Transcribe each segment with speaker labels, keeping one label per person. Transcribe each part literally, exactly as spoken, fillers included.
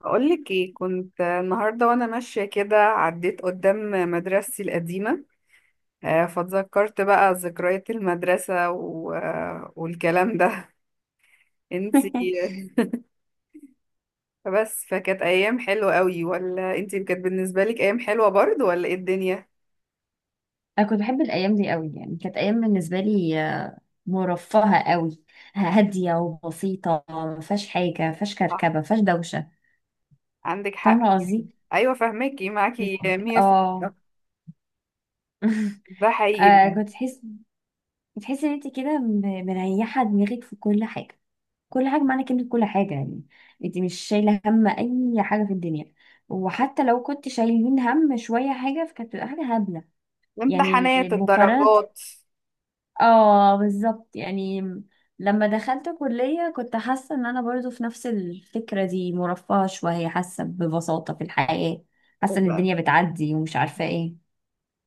Speaker 1: بقولك ايه؟ كنت النهارده وانا ماشيه كده، عديت قدام مدرستي القديمه. آه، فاتذكرت بقى ذكريات المدرسه و... آه، والكلام ده. انتي.
Speaker 2: انا
Speaker 1: بس فكانت ايام حلوه قوي، ولا انتي كانت بالنسبه لك ايام حلوه برضه، ولا ايه الدنيا؟
Speaker 2: كنت بحب الايام دي قوي. يعني كانت ايام بالنسبه لي آه، مرفهه قوي، هاديه وبسيطه، ما فيهاش حاجه، ما فيهاش
Speaker 1: صح،
Speaker 2: كركبه، ما فيهاش دوشه.
Speaker 1: عندك حق.
Speaker 2: فاهمه قصدي؟
Speaker 1: ايوه، فهماكي،
Speaker 2: بت-
Speaker 1: معاكي.
Speaker 2: اه
Speaker 1: مية في المية. ده حقيقي
Speaker 2: آه،
Speaker 1: بجد.
Speaker 2: كنت تحس، بتحس ان انت كده م- مريحه دماغك في كل حاجه، كل حاجه معنى كلمه كل حاجه، يعني انت مش شايله هم اي حاجه في الدنيا. وحتى لو كنت شايلين هم شويه حاجه فكانت بتبقى حاجه هبله، يعني
Speaker 1: الامتحانات،
Speaker 2: مقارنه.
Speaker 1: الدرجات.
Speaker 2: اه بالظبط يعني. لما دخلت كلية كنت حاسة ان انا برضو في نفس الفكرة دي، مرفهة شوية، حاسة ببساطة في الحياة، حاسة ان الدنيا بتعدي ومش عارفة ايه.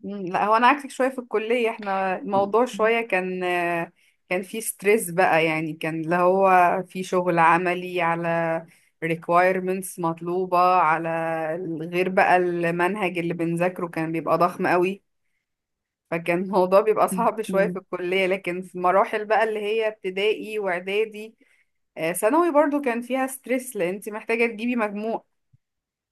Speaker 1: مم، لا، هو انا عكسك شويه. في الكليه احنا الموضوع شويه كان، كان في ستريس بقى، يعني كان اللي هو في شغل عملي، على requirements مطلوبه، على غير بقى المنهج اللي بنذاكره كان بيبقى ضخم قوي. فكان الموضوع بيبقى صعب
Speaker 2: اوكي.
Speaker 1: شويه في الكليه. لكن في مراحل بقى اللي هي ابتدائي واعدادي آه، ثانوي برضو كان فيها ستريس، لان انت محتاجه تجيبي مجموع.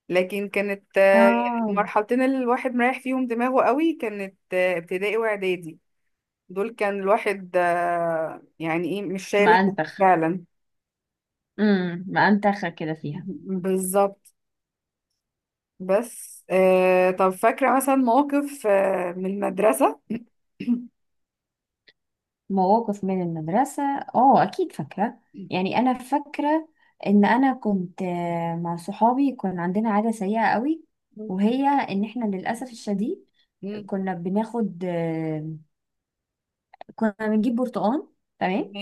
Speaker 1: لكن كانت آه،
Speaker 2: اه.
Speaker 1: المرحلتين اللي الواحد مريح فيهم دماغه قوي كانت آه، ابتدائي واعدادي. دول كان الواحد آه، يعني ايه، مش شايل هم
Speaker 2: مأنتخ.
Speaker 1: فعلا.
Speaker 2: امم مأنتخة كده فيها.
Speaker 1: بالظبط. بس آه، طب فاكرة مثلا موقف آه، من المدرسة؟
Speaker 2: مواقف من المدرسة؟ اه اكيد فاكرة. يعني انا فاكرة ان انا كنت آه، مع صحابي، كان عندنا عادة سيئة قوي، وهي ان احنا للأسف الشديد
Speaker 1: مم.
Speaker 2: كنا بناخد آه، كنا بنجيب برتقان، تمام،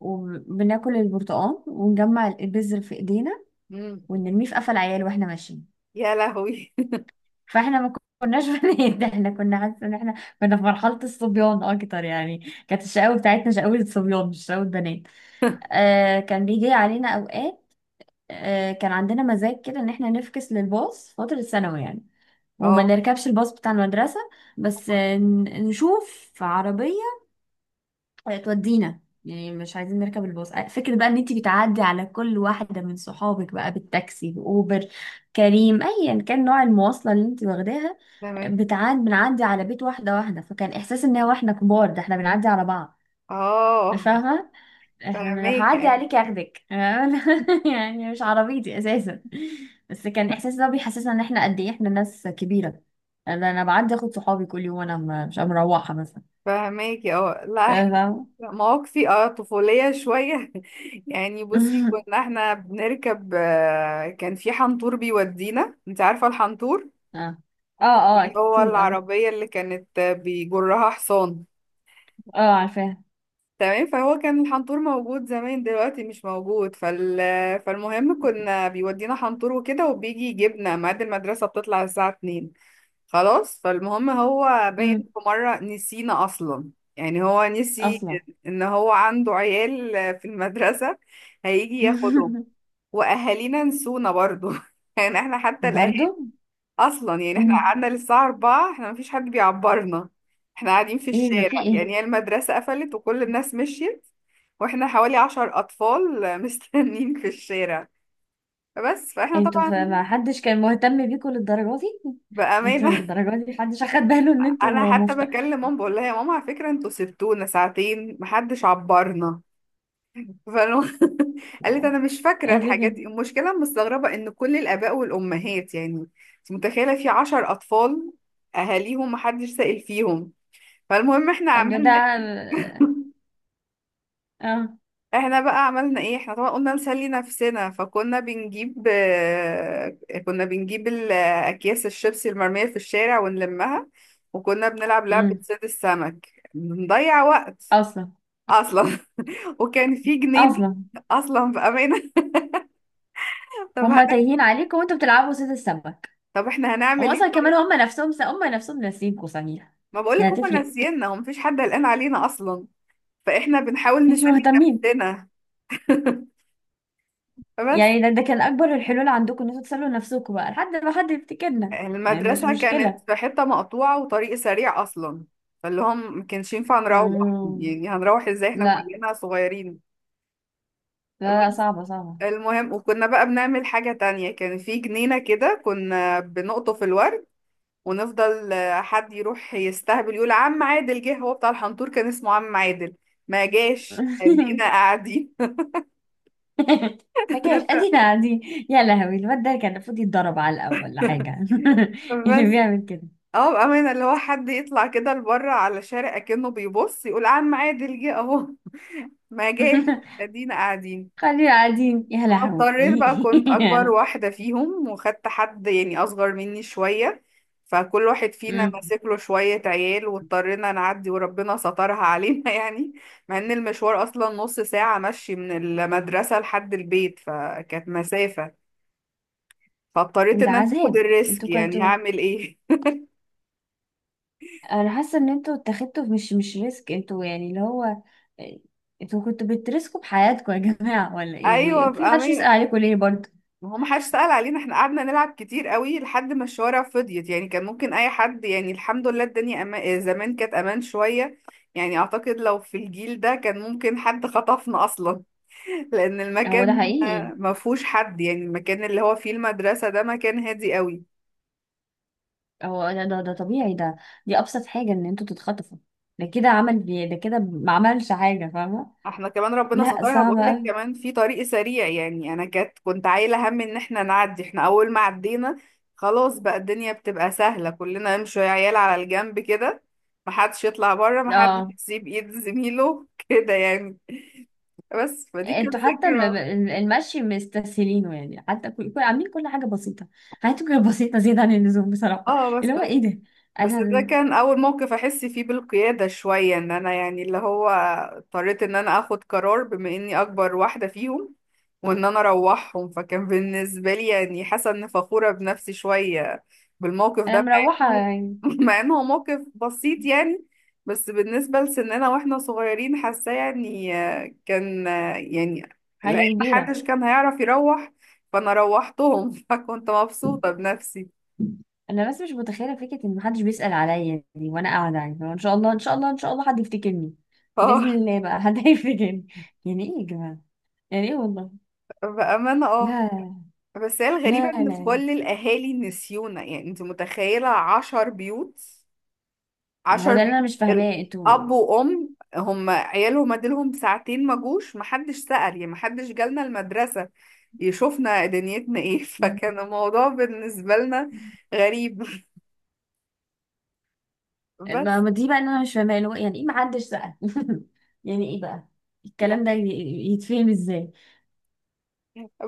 Speaker 2: وبناكل البرتقان ونجمع البذر في ايدينا
Speaker 1: مم.
Speaker 2: ونرميه في قفا العيال واحنا ماشيين.
Speaker 1: يا لهوي.
Speaker 2: فاحنا ما كناش بنات، احنا كنا حاسه ان احنا كنا في مرحله الصبيان اكتر، يعني كانت الشقاوه بتاعتنا شقاوه صبيان مش شقاوه بنات. آه كان بيجي علينا اوقات، آه كان عندنا مزاج كده ان احنا نفكس للباص فتره الثانوي يعني، وما
Speaker 1: اه.
Speaker 2: نركبش الباص بتاع المدرسه، بس
Speaker 1: آه،
Speaker 2: آه، ن- نشوف عربية آه، تودينا. يعني مش عايزين نركب الباص، آه، فكرة بقى ان انتي بتعدي على كل واحدة من صحابك بقى بالتاكسي، بأوبر، كريم، ايا كان نوع المواصلة اللي انتي واخداها.
Speaker 1: تمام.
Speaker 2: بتعدي بنعدي على بيت واحدة واحدة، فكان احساس ان هو احنا كبار، ده احنا بنعدي على بعض.
Speaker 1: اه.
Speaker 2: فاهمة؟ احنا من-
Speaker 1: فاهمك.
Speaker 2: هعدي عليك اخدك يعني مش عربيتي اساسا. بس كان احساس ده بيحسسنا ان احنا قد ايه احنا ناس كبيرة. انا أنا بعدي اخد صحابي كل يوم وانا م- مش مروحة مثلا.
Speaker 1: فهماكي. اه لا احنا.
Speaker 2: فاهمة؟
Speaker 1: مواقفي اه طفولية شوية. يعني بصي، كنا احنا بنركب آه، كان في حنطور بيودينا، انت عارفة الحنطور؟
Speaker 2: اه. اه. اه
Speaker 1: اللي هو
Speaker 2: اكيد اه.
Speaker 1: العربية اللي كانت آه، بيجرها حصان.
Speaker 2: اه عارفاها.
Speaker 1: تمام. فهو كان الحنطور موجود زمان، دلوقتي مش موجود. فال... فالمهم، كنا بيودينا حنطور وكده، وبيجي يجيبنا ميعاد المدرسة بتطلع الساعة اتنين. خلاص. فالمهم هو باين
Speaker 2: امم
Speaker 1: في مرة نسينا أصلا، يعني هو نسي
Speaker 2: اصلا.
Speaker 1: إن هو عنده عيال في المدرسة، هيجي ياخدهم. وأهالينا نسونا برضو. يعني احنا حتى الأهالي
Speaker 2: برضو.
Speaker 1: أصلا. يعني احنا
Speaker 2: امم
Speaker 1: قعدنا للساعة أربعة، احنا مفيش حد بيعبرنا. احنا قاعدين في
Speaker 2: ايه ده، في
Speaker 1: الشارع،
Speaker 2: ايه؟
Speaker 1: يعني هي المدرسة قفلت وكل الناس مشيت، واحنا حوالي عشر أطفال مستنيين في الشارع. بس فاحنا
Speaker 2: انتوا ف-
Speaker 1: طبعا
Speaker 2: ما حدش كان مهتم بيكم للدرجه دي؟ انتوا
Speaker 1: بأمانة،
Speaker 2: للدرجه دي محدش اخد باله ان
Speaker 1: انا
Speaker 2: انتوا
Speaker 1: حتى
Speaker 2: مفتى؟
Speaker 1: بكلم ماما بقول لها: يا ماما، على فكره انتوا سبتونا ساعتين، محدش عبرنا. فأنا قالت: انا مش فاكره
Speaker 2: ايه ده
Speaker 1: الحاجات
Speaker 2: كده!
Speaker 1: دي. المشكله أنا مستغربه ان كل الاباء والامهات، يعني انت متخيله في عشر اطفال اهاليهم محدش سائل فيهم؟ فالمهم احنا
Speaker 2: طب ده ده
Speaker 1: عملنا ايه؟
Speaker 2: اه.
Speaker 1: احنا بقى عملنا ايه؟ احنا طبعا قلنا نسلي نفسنا. فكنا بنجيب آه، كنا بنجيب ال- اكياس الشيبسي المرمية في الشارع، ونلمها، وكنا بنلعب لعبة
Speaker 2: امم
Speaker 1: صيد السمك، بنضيع وقت.
Speaker 2: اصلا.
Speaker 1: اصلا. وكان في جنين،
Speaker 2: اصلا.
Speaker 1: اصلا، في امانة. طب
Speaker 2: هما
Speaker 1: هن...
Speaker 2: تايهين عليكم وانتوا بتلعبوا صيد السمك؟
Speaker 1: طب احنا
Speaker 2: هما
Speaker 1: هنعمل
Speaker 2: اصلا
Speaker 1: ايه؟
Speaker 2: كمان، هما نفسهم هما نفسهم ناسيينكم صحيح.
Speaker 1: ما بقولك
Speaker 2: يعني
Speaker 1: هما
Speaker 2: هتفرق.
Speaker 1: ناسينا، هم مفيش حد قلقان علينا اصلا، فاحنا بنحاول
Speaker 2: مش
Speaker 1: نسلي
Speaker 2: مهتمين.
Speaker 1: نفسنا. فبس.
Speaker 2: يعني ده ده كان اكبر الحلول عندكم، ان انتوا تسلوا نفسكم بقى لحد ما حد يفتكرنا؟ يعني مش
Speaker 1: المدرسة كانت
Speaker 2: مشكله.
Speaker 1: في حتة مقطوعة وطريق سريع أصلا، فاللي هم ما كانش ينفع نروح،
Speaker 2: آه.
Speaker 1: يعني هنروح ازاي احنا
Speaker 2: لا.
Speaker 1: كلنا صغيرين؟
Speaker 2: لا لا
Speaker 1: بس
Speaker 2: صعبه صعبه.
Speaker 1: المهم، وكنا بقى بنعمل حاجة تانية، كان في جنينة كده كنا بنقطف الورد، ونفضل آه، حد يروح يستهبل يقول: عم عادل جه. هو بتاع الحنطور كان اسمه عم عادل. ما جاش، ادينا قاعدين.
Speaker 2: ما كانش ادينا قاعدين! يا لهوي، الواد ده كان المفروض يتضرب على الاول ولا حاجه! اللي
Speaker 1: بس
Speaker 2: بيعمل كده!
Speaker 1: اه بأمانة، اللي هو حد يطلع كده لبره على شارع كأنه بيبص يقول: عم عادل جه اهو. ما جاش، ادينا قاعدين.
Speaker 2: خلينا قاعدين، يا
Speaker 1: انا اضطريت
Speaker 2: لهوي!
Speaker 1: بقى، كنت اكبر واحدة فيهم، وخدت حد يعني اصغر مني شوية، فكل واحد فينا ماسك له شوية عيال، واضطرينا نعدي وربنا سترها علينا. يعني مع ان المشوار اصلا نص ساعة مشي من المدرسة لحد البيت، فكانت مسافة. فاضطريت
Speaker 2: ده
Speaker 1: ان انا اخد
Speaker 2: عذاب!
Speaker 1: الريسك،
Speaker 2: انتوا
Speaker 1: يعني
Speaker 2: كنتوا،
Speaker 1: هعمل ايه؟
Speaker 2: انا حاسه ان انتوا اتخذتوا مش مش ريسك، انتوا يعني اللي هو انتوا كنتوا بترسكوا بحياتكم يا جماعه ولا ايه،
Speaker 1: ايوه
Speaker 2: وفي حدش يسأل
Speaker 1: بأمانة.
Speaker 2: عليكم ليه برضه؟
Speaker 1: ما هو ما حدش سأل علينا، احنا قعدنا نلعب كتير قوي لحد ما الشوارع فضيت، يعني كان ممكن اي حد. يعني الحمد لله، الدنيا أما... زمان كانت امان شوية، يعني اعتقد لو في الجيل ده كان ممكن حد خطفنا اصلا. لان
Speaker 2: هو ده
Speaker 1: المكان
Speaker 2: حقيقي.
Speaker 1: ما فيهوش حد، يعني المكان اللي هو فيه المدرسة ده مكان هادي قوي.
Speaker 2: هو ده ده, ده طبيعي ده، دي ابسط حاجه ان انتوا تتخطفوا. ده كده عمل، ده كده ما عملش حاجه، فاهمه؟
Speaker 1: احنا كمان ربنا
Speaker 2: لا
Speaker 1: سترها،
Speaker 2: صعب
Speaker 1: بقول لك
Speaker 2: قوي.
Speaker 1: كمان في طريق سريع، يعني انا كانت كنت عايله هم ان احنا نعدي. احنا اول ما عدينا، خلاص بقى الدنيا بتبقى سهله. كلنا نمشي يا عيال على الجنب كده، محدش يطلع بره، محدش
Speaker 2: اه.
Speaker 1: يسيب ايد زميله كده يعني. بس فدي كانت
Speaker 2: انتوا حتى ال-
Speaker 1: ذكرى.
Speaker 2: ال- المشي مستسهلينه، يعني حتى كل كل- عاملين كل حاجه بسيطه. حياتكم كانت بسيطه زياده عن اللزوم بصراحه.
Speaker 1: اه بس.
Speaker 2: اللي هو ايه ده!
Speaker 1: بس ده
Speaker 2: انا
Speaker 1: كان اول موقف احس فيه بالقيادة شوية، ان انا يعني اللي هو اضطريت ان انا اخد قرار بما اني اكبر واحدة فيهم، وان انا اروحهم، فكان بالنسبة لي يعني حاسة ان فخورة بنفسي شوية بالموقف
Speaker 2: انا
Speaker 1: ده. مع
Speaker 2: مروحه
Speaker 1: انه
Speaker 2: يعني.
Speaker 1: مع انه موقف بسيط يعني، بس بالنسبة لسننا واحنا صغيرين حاساه، يعني آه، كان آه، يعني
Speaker 2: حاجه
Speaker 1: العيال
Speaker 2: كبيره!
Speaker 1: محدش كان هيعرف يروح، فانا روحتهم. فكنت مبسوطة بنفسي.
Speaker 2: انا بس مش متخيله فكره ان محدش بيسال عليا دي وانا قاعده، يعني فان شاء الله، ان شاء الله، ان شاء الله حد يفتكرني، باذن
Speaker 1: اه
Speaker 2: الله بقى حد هيفتكرني! يعني ايه يا جماعه؟ يعني ايه والله!
Speaker 1: بأمانة، اه.
Speaker 2: لا
Speaker 1: بس هي الغريبة
Speaker 2: لا لا
Speaker 1: ان
Speaker 2: لا.
Speaker 1: كل الاهالي نسيونا، يعني انت متخيلة عشر بيوت؟
Speaker 2: ما هو
Speaker 1: عشر
Speaker 2: ده اللي
Speaker 1: بيوت
Speaker 2: انا مش فاهماه، انتوا.
Speaker 1: الاب وام هم عيالهم اديلهم ساعتين ما جوش، محدش سأل، يعني محدش جالنا المدرسة يشوفنا دنيتنا ايه. فكان الموضوع بالنسبة لنا غريب.
Speaker 2: ما
Speaker 1: بس
Speaker 2: ما دي بقى اللي انا مش فاهماه، اللي هو يعني ايه محدش سال؟ يعني ايه بقى الكلام ده
Speaker 1: يعني
Speaker 2: ي- يتفهم ازاي؟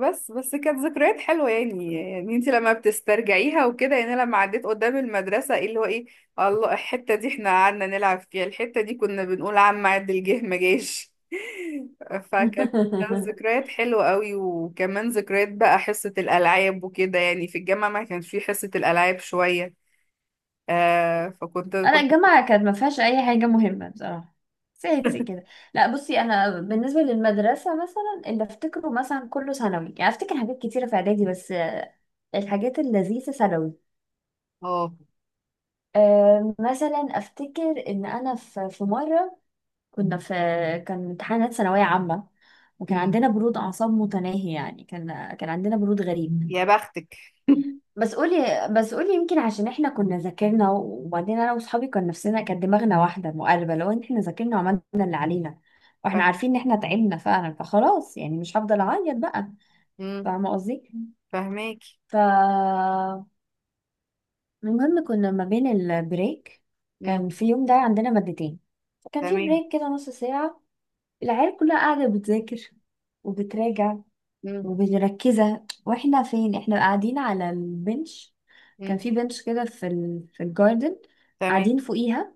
Speaker 1: بس بس كانت ذكريات حلوة يعني. يعني انت لما بتسترجعيها وكده، يعني أنا لما عديت قدام المدرسة، ايه اللي هو ايه الله، الحتة دي احنا قعدنا نلعب فيها، الحتة دي كنا بنقول عم عد الجه، ما جاش. فكانت ذكريات حلوة قوي. وكمان ذكريات بقى حصة الألعاب وكده، يعني في الجامعة ما كانش في حصة الألعاب شوية، آه فكنت
Speaker 2: انا
Speaker 1: كنت
Speaker 2: الجامعه كانت ما فيهاش اي حاجه مهمه بصراحه، سيتي كده. لا بصي، انا بالنسبه للمدرسه مثلا اللي افتكره مثلا كله ثانوي، يعني افتكر حاجات كتيره في اعدادي بس آه، الحاجات اللذيذه ثانوي.
Speaker 1: اه.
Speaker 2: آه، مثلا افتكر ان انا في في مره كنا في، كان امتحانات ثانويه عامه وكان
Speaker 1: مم.
Speaker 2: عندنا برود اعصاب متناهي، يعني كان كان عندنا برود غريب.
Speaker 1: يا بختك.
Speaker 2: بس قولي، بس قولي، يمكن عشان احنا كنا ذاكرنا، وبعدين انا واصحابي كان نفسنا، كانت دماغنا واحده مقلبه، لو ان احنا ذاكرنا وعملنا اللي علينا واحنا
Speaker 1: فاهم.
Speaker 2: عارفين ان احنا تعبنا فعلا، فخلاص يعني مش هفضل
Speaker 1: مم.
Speaker 2: اعيط بقى.
Speaker 1: مم.
Speaker 2: فاهمه قصدي؟
Speaker 1: فاهماكي.
Speaker 2: ف المهم كنا ما بين البريك،
Speaker 1: مم.
Speaker 2: كان في يوم ده عندنا مادتين، كان في
Speaker 1: تمام.
Speaker 2: بريك كده نص ساعه. العيال كلها قاعده بتذاكر وبتراجع
Speaker 1: مم.
Speaker 2: ومش مركزة، واحنا فين؟ احنا قاعدين على البنش. كان
Speaker 1: مم.
Speaker 2: في بنش كده في ال... في الجاردن،
Speaker 1: تمام.
Speaker 2: قاعدين فوقيها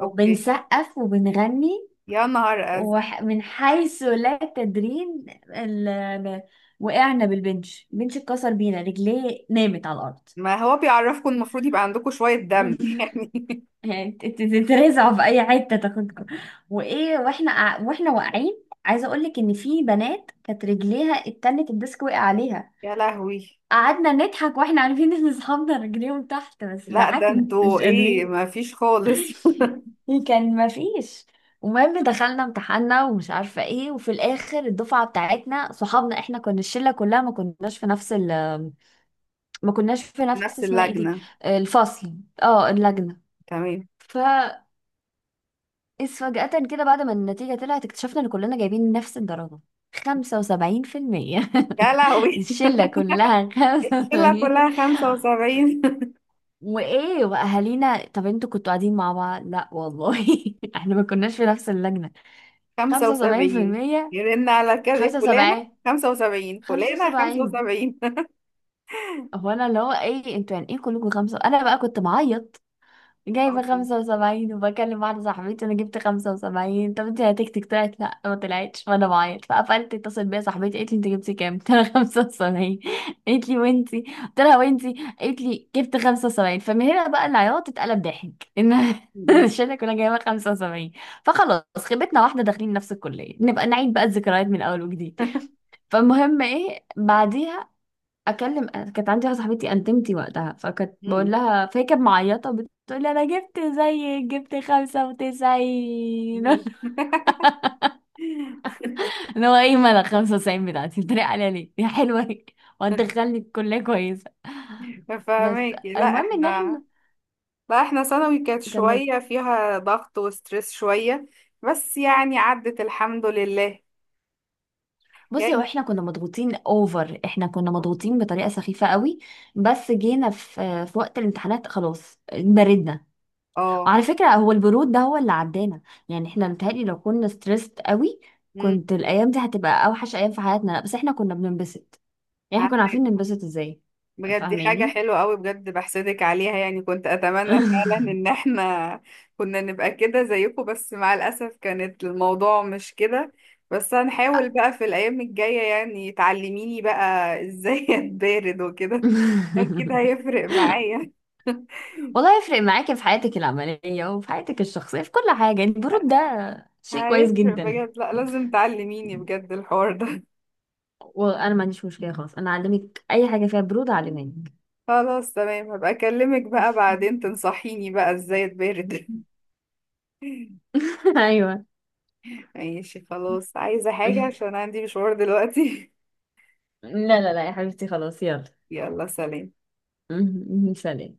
Speaker 1: اوكي.
Speaker 2: وبنغني،
Speaker 1: يا نهار ازرق.
Speaker 2: ومن حيث لا تدرين ال... وقعنا بالبنش، البنش اتكسر بينا، رجليه نامت على الأرض.
Speaker 1: ما هو بيعرفكم، المفروض يبقى عندكم شوية دم. يعني
Speaker 2: يعني ت- ت- تترزعوا في أي حتة تاخدكم! وإيه واحنا قاع- واحنا واقعين، عايزة أقولك إن في بنات كانت رجليها التانية الديسك وقع عليها.
Speaker 1: يا لهوي.
Speaker 2: قعدنا نضحك واحنا عارفين ان اصحابنا رجليهم تحت، بس
Speaker 1: لا ده
Speaker 2: ضحكنا
Speaker 1: انتوا
Speaker 2: مش
Speaker 1: ايه،
Speaker 2: قادرين.
Speaker 1: ما فيش خالص.
Speaker 2: كان ما فيش. المهم دخلنا امتحاننا ومش عارفه ايه، وفي الاخر الدفعه بتاعتنا صحابنا، احنا كنا الشله كلها ما كناش في نفس ال ما كناش في
Speaker 1: في
Speaker 2: نفس
Speaker 1: نفس
Speaker 2: اسمها ايه دي،
Speaker 1: اللجنة،
Speaker 2: الفصل، اه اللجنه.
Speaker 1: تمام.
Speaker 2: ف إذ فجأة كده بعد ما النتيجة طلعت اكتشفنا ان كلنا جايبين نفس الدرجة، خمسة وسبعين في المية.
Speaker 1: يا لهوي.
Speaker 2: الشلة كلها
Speaker 1: الشلة
Speaker 2: خمسة وسبعين!
Speaker 1: كلها خمسة وسبعين.
Speaker 2: وايه واهالينا، طب انتوا كنتوا قاعدين مع بعض؟ لا والله، احنا ما كناش في نفس اللجنه.
Speaker 1: خمسة وسبعين،
Speaker 2: خمسة وسبعين بالمية،
Speaker 1: يرن على كذا فلانة،
Speaker 2: خمسة وسبعين،
Speaker 1: خمسة وسبعين، فلانة خمسة
Speaker 2: خمسة وسبعين.
Speaker 1: وسبعين.
Speaker 2: هو انا اللي هو ايه انتوا، يعني ايه كلكم خمسه؟ انا بقى كنت بعيط جايبة
Speaker 1: أصلا.
Speaker 2: خمسة وسبعين، وبكلم واحدة صاحبتي، أنا جبت خمسة وسبعين، طب انتي هتكتك طلعت؟ لأ ما طلعتش، وأنا بعيط فقفلت. اتصل بيا صاحبتي قالت لي انت جبتي كام؟ قلت لها خمسة وسبعين. قالت لي وانتي؟ قلت لها وانتي؟ قالت لي جبت خمسة وسبعين. فمن هنا بقى العياط اتقلب ضحك، إن
Speaker 1: م-
Speaker 2: الشلة كلها جايبة خمسة وسبعين! فخلاص خيبتنا واحدة، داخلين نفس الكلية، نبقى نعيد بقى الذكريات من أول وجديد. فالمهم ايه بعديها، اكلم كانت عندي واحده صاحبتي انتمتي وقتها، فكانت بقول
Speaker 1: م-
Speaker 2: لها، فهي كانت معيطه بتقول لي انا جبت زيك، جبت خمسة وتسعين.
Speaker 1: م- م-
Speaker 2: اللي هو ايه مالك خمسة وتسعين بتاعتي بتتريق عليا ليه يا حلوه هي، وهتدخلني الكليه كويسه! بس
Speaker 1: فهماكي لا
Speaker 2: المهم ان
Speaker 1: احنا.
Speaker 2: احنا
Speaker 1: بقى احنا ثانوي كانت
Speaker 2: كملت.
Speaker 1: شوية فيها ضغط وستريس شوية، بس يعني عدت الحمد لله.
Speaker 2: بصي هو
Speaker 1: يعني
Speaker 2: احنا كنا مضغوطين اوفر، احنا كنا مضغوطين بطريقه سخيفه قوي، بس جينا في في وقت الامتحانات خلاص بردنا.
Speaker 1: اه،
Speaker 2: على فكرة هو البرود ده هو اللي عدانا، يعني احنا متهيألي لو كنا ستريسد قوي
Speaker 1: امم،
Speaker 2: كنت الأيام دي هتبقى أوحش أيام في حياتنا. لا بس احنا كنا بننبسط، يعني احنا
Speaker 1: عدت
Speaker 2: كنا عارفين ننبسط ازاي.
Speaker 1: بجد. دي حاجة
Speaker 2: فاهماني؟
Speaker 1: حلوة قوي بجد، بحسدك عليها يعني. كنت أتمنى فعلا إن احنا كنا نبقى كده زيكم، بس مع الأسف كانت الموضوع مش كده. بس هنحاول بقى في الأيام الجاية، يعني تعلميني بقى إزاي أتبارد وكده، أكيد هيفرق معايا.
Speaker 2: والله يفرق معاكي في حياتك العملية وفي حياتك الشخصية في كل حاجة، يعني البرود ده شيء كويس
Speaker 1: هيفرق
Speaker 2: جدا.
Speaker 1: بجد، لا لازم تعلميني بجد الحوار ده.
Speaker 2: وانا ما عنديش مشكلة، خلاص انا اعلمك اي حاجة فيها برود اعلمك.
Speaker 1: خلاص تمام، هبقى اكلمك بقى بعدين تنصحيني بقى ازاي اتبرد.
Speaker 2: ايوه.
Speaker 1: ماشي، خلاص، عايزة حاجة عشان عندي مشوار دلوقتي.
Speaker 2: لا، لا لا يا حبيبتي، خلاص يلا.
Speaker 1: يلا سلام.
Speaker 2: سلام.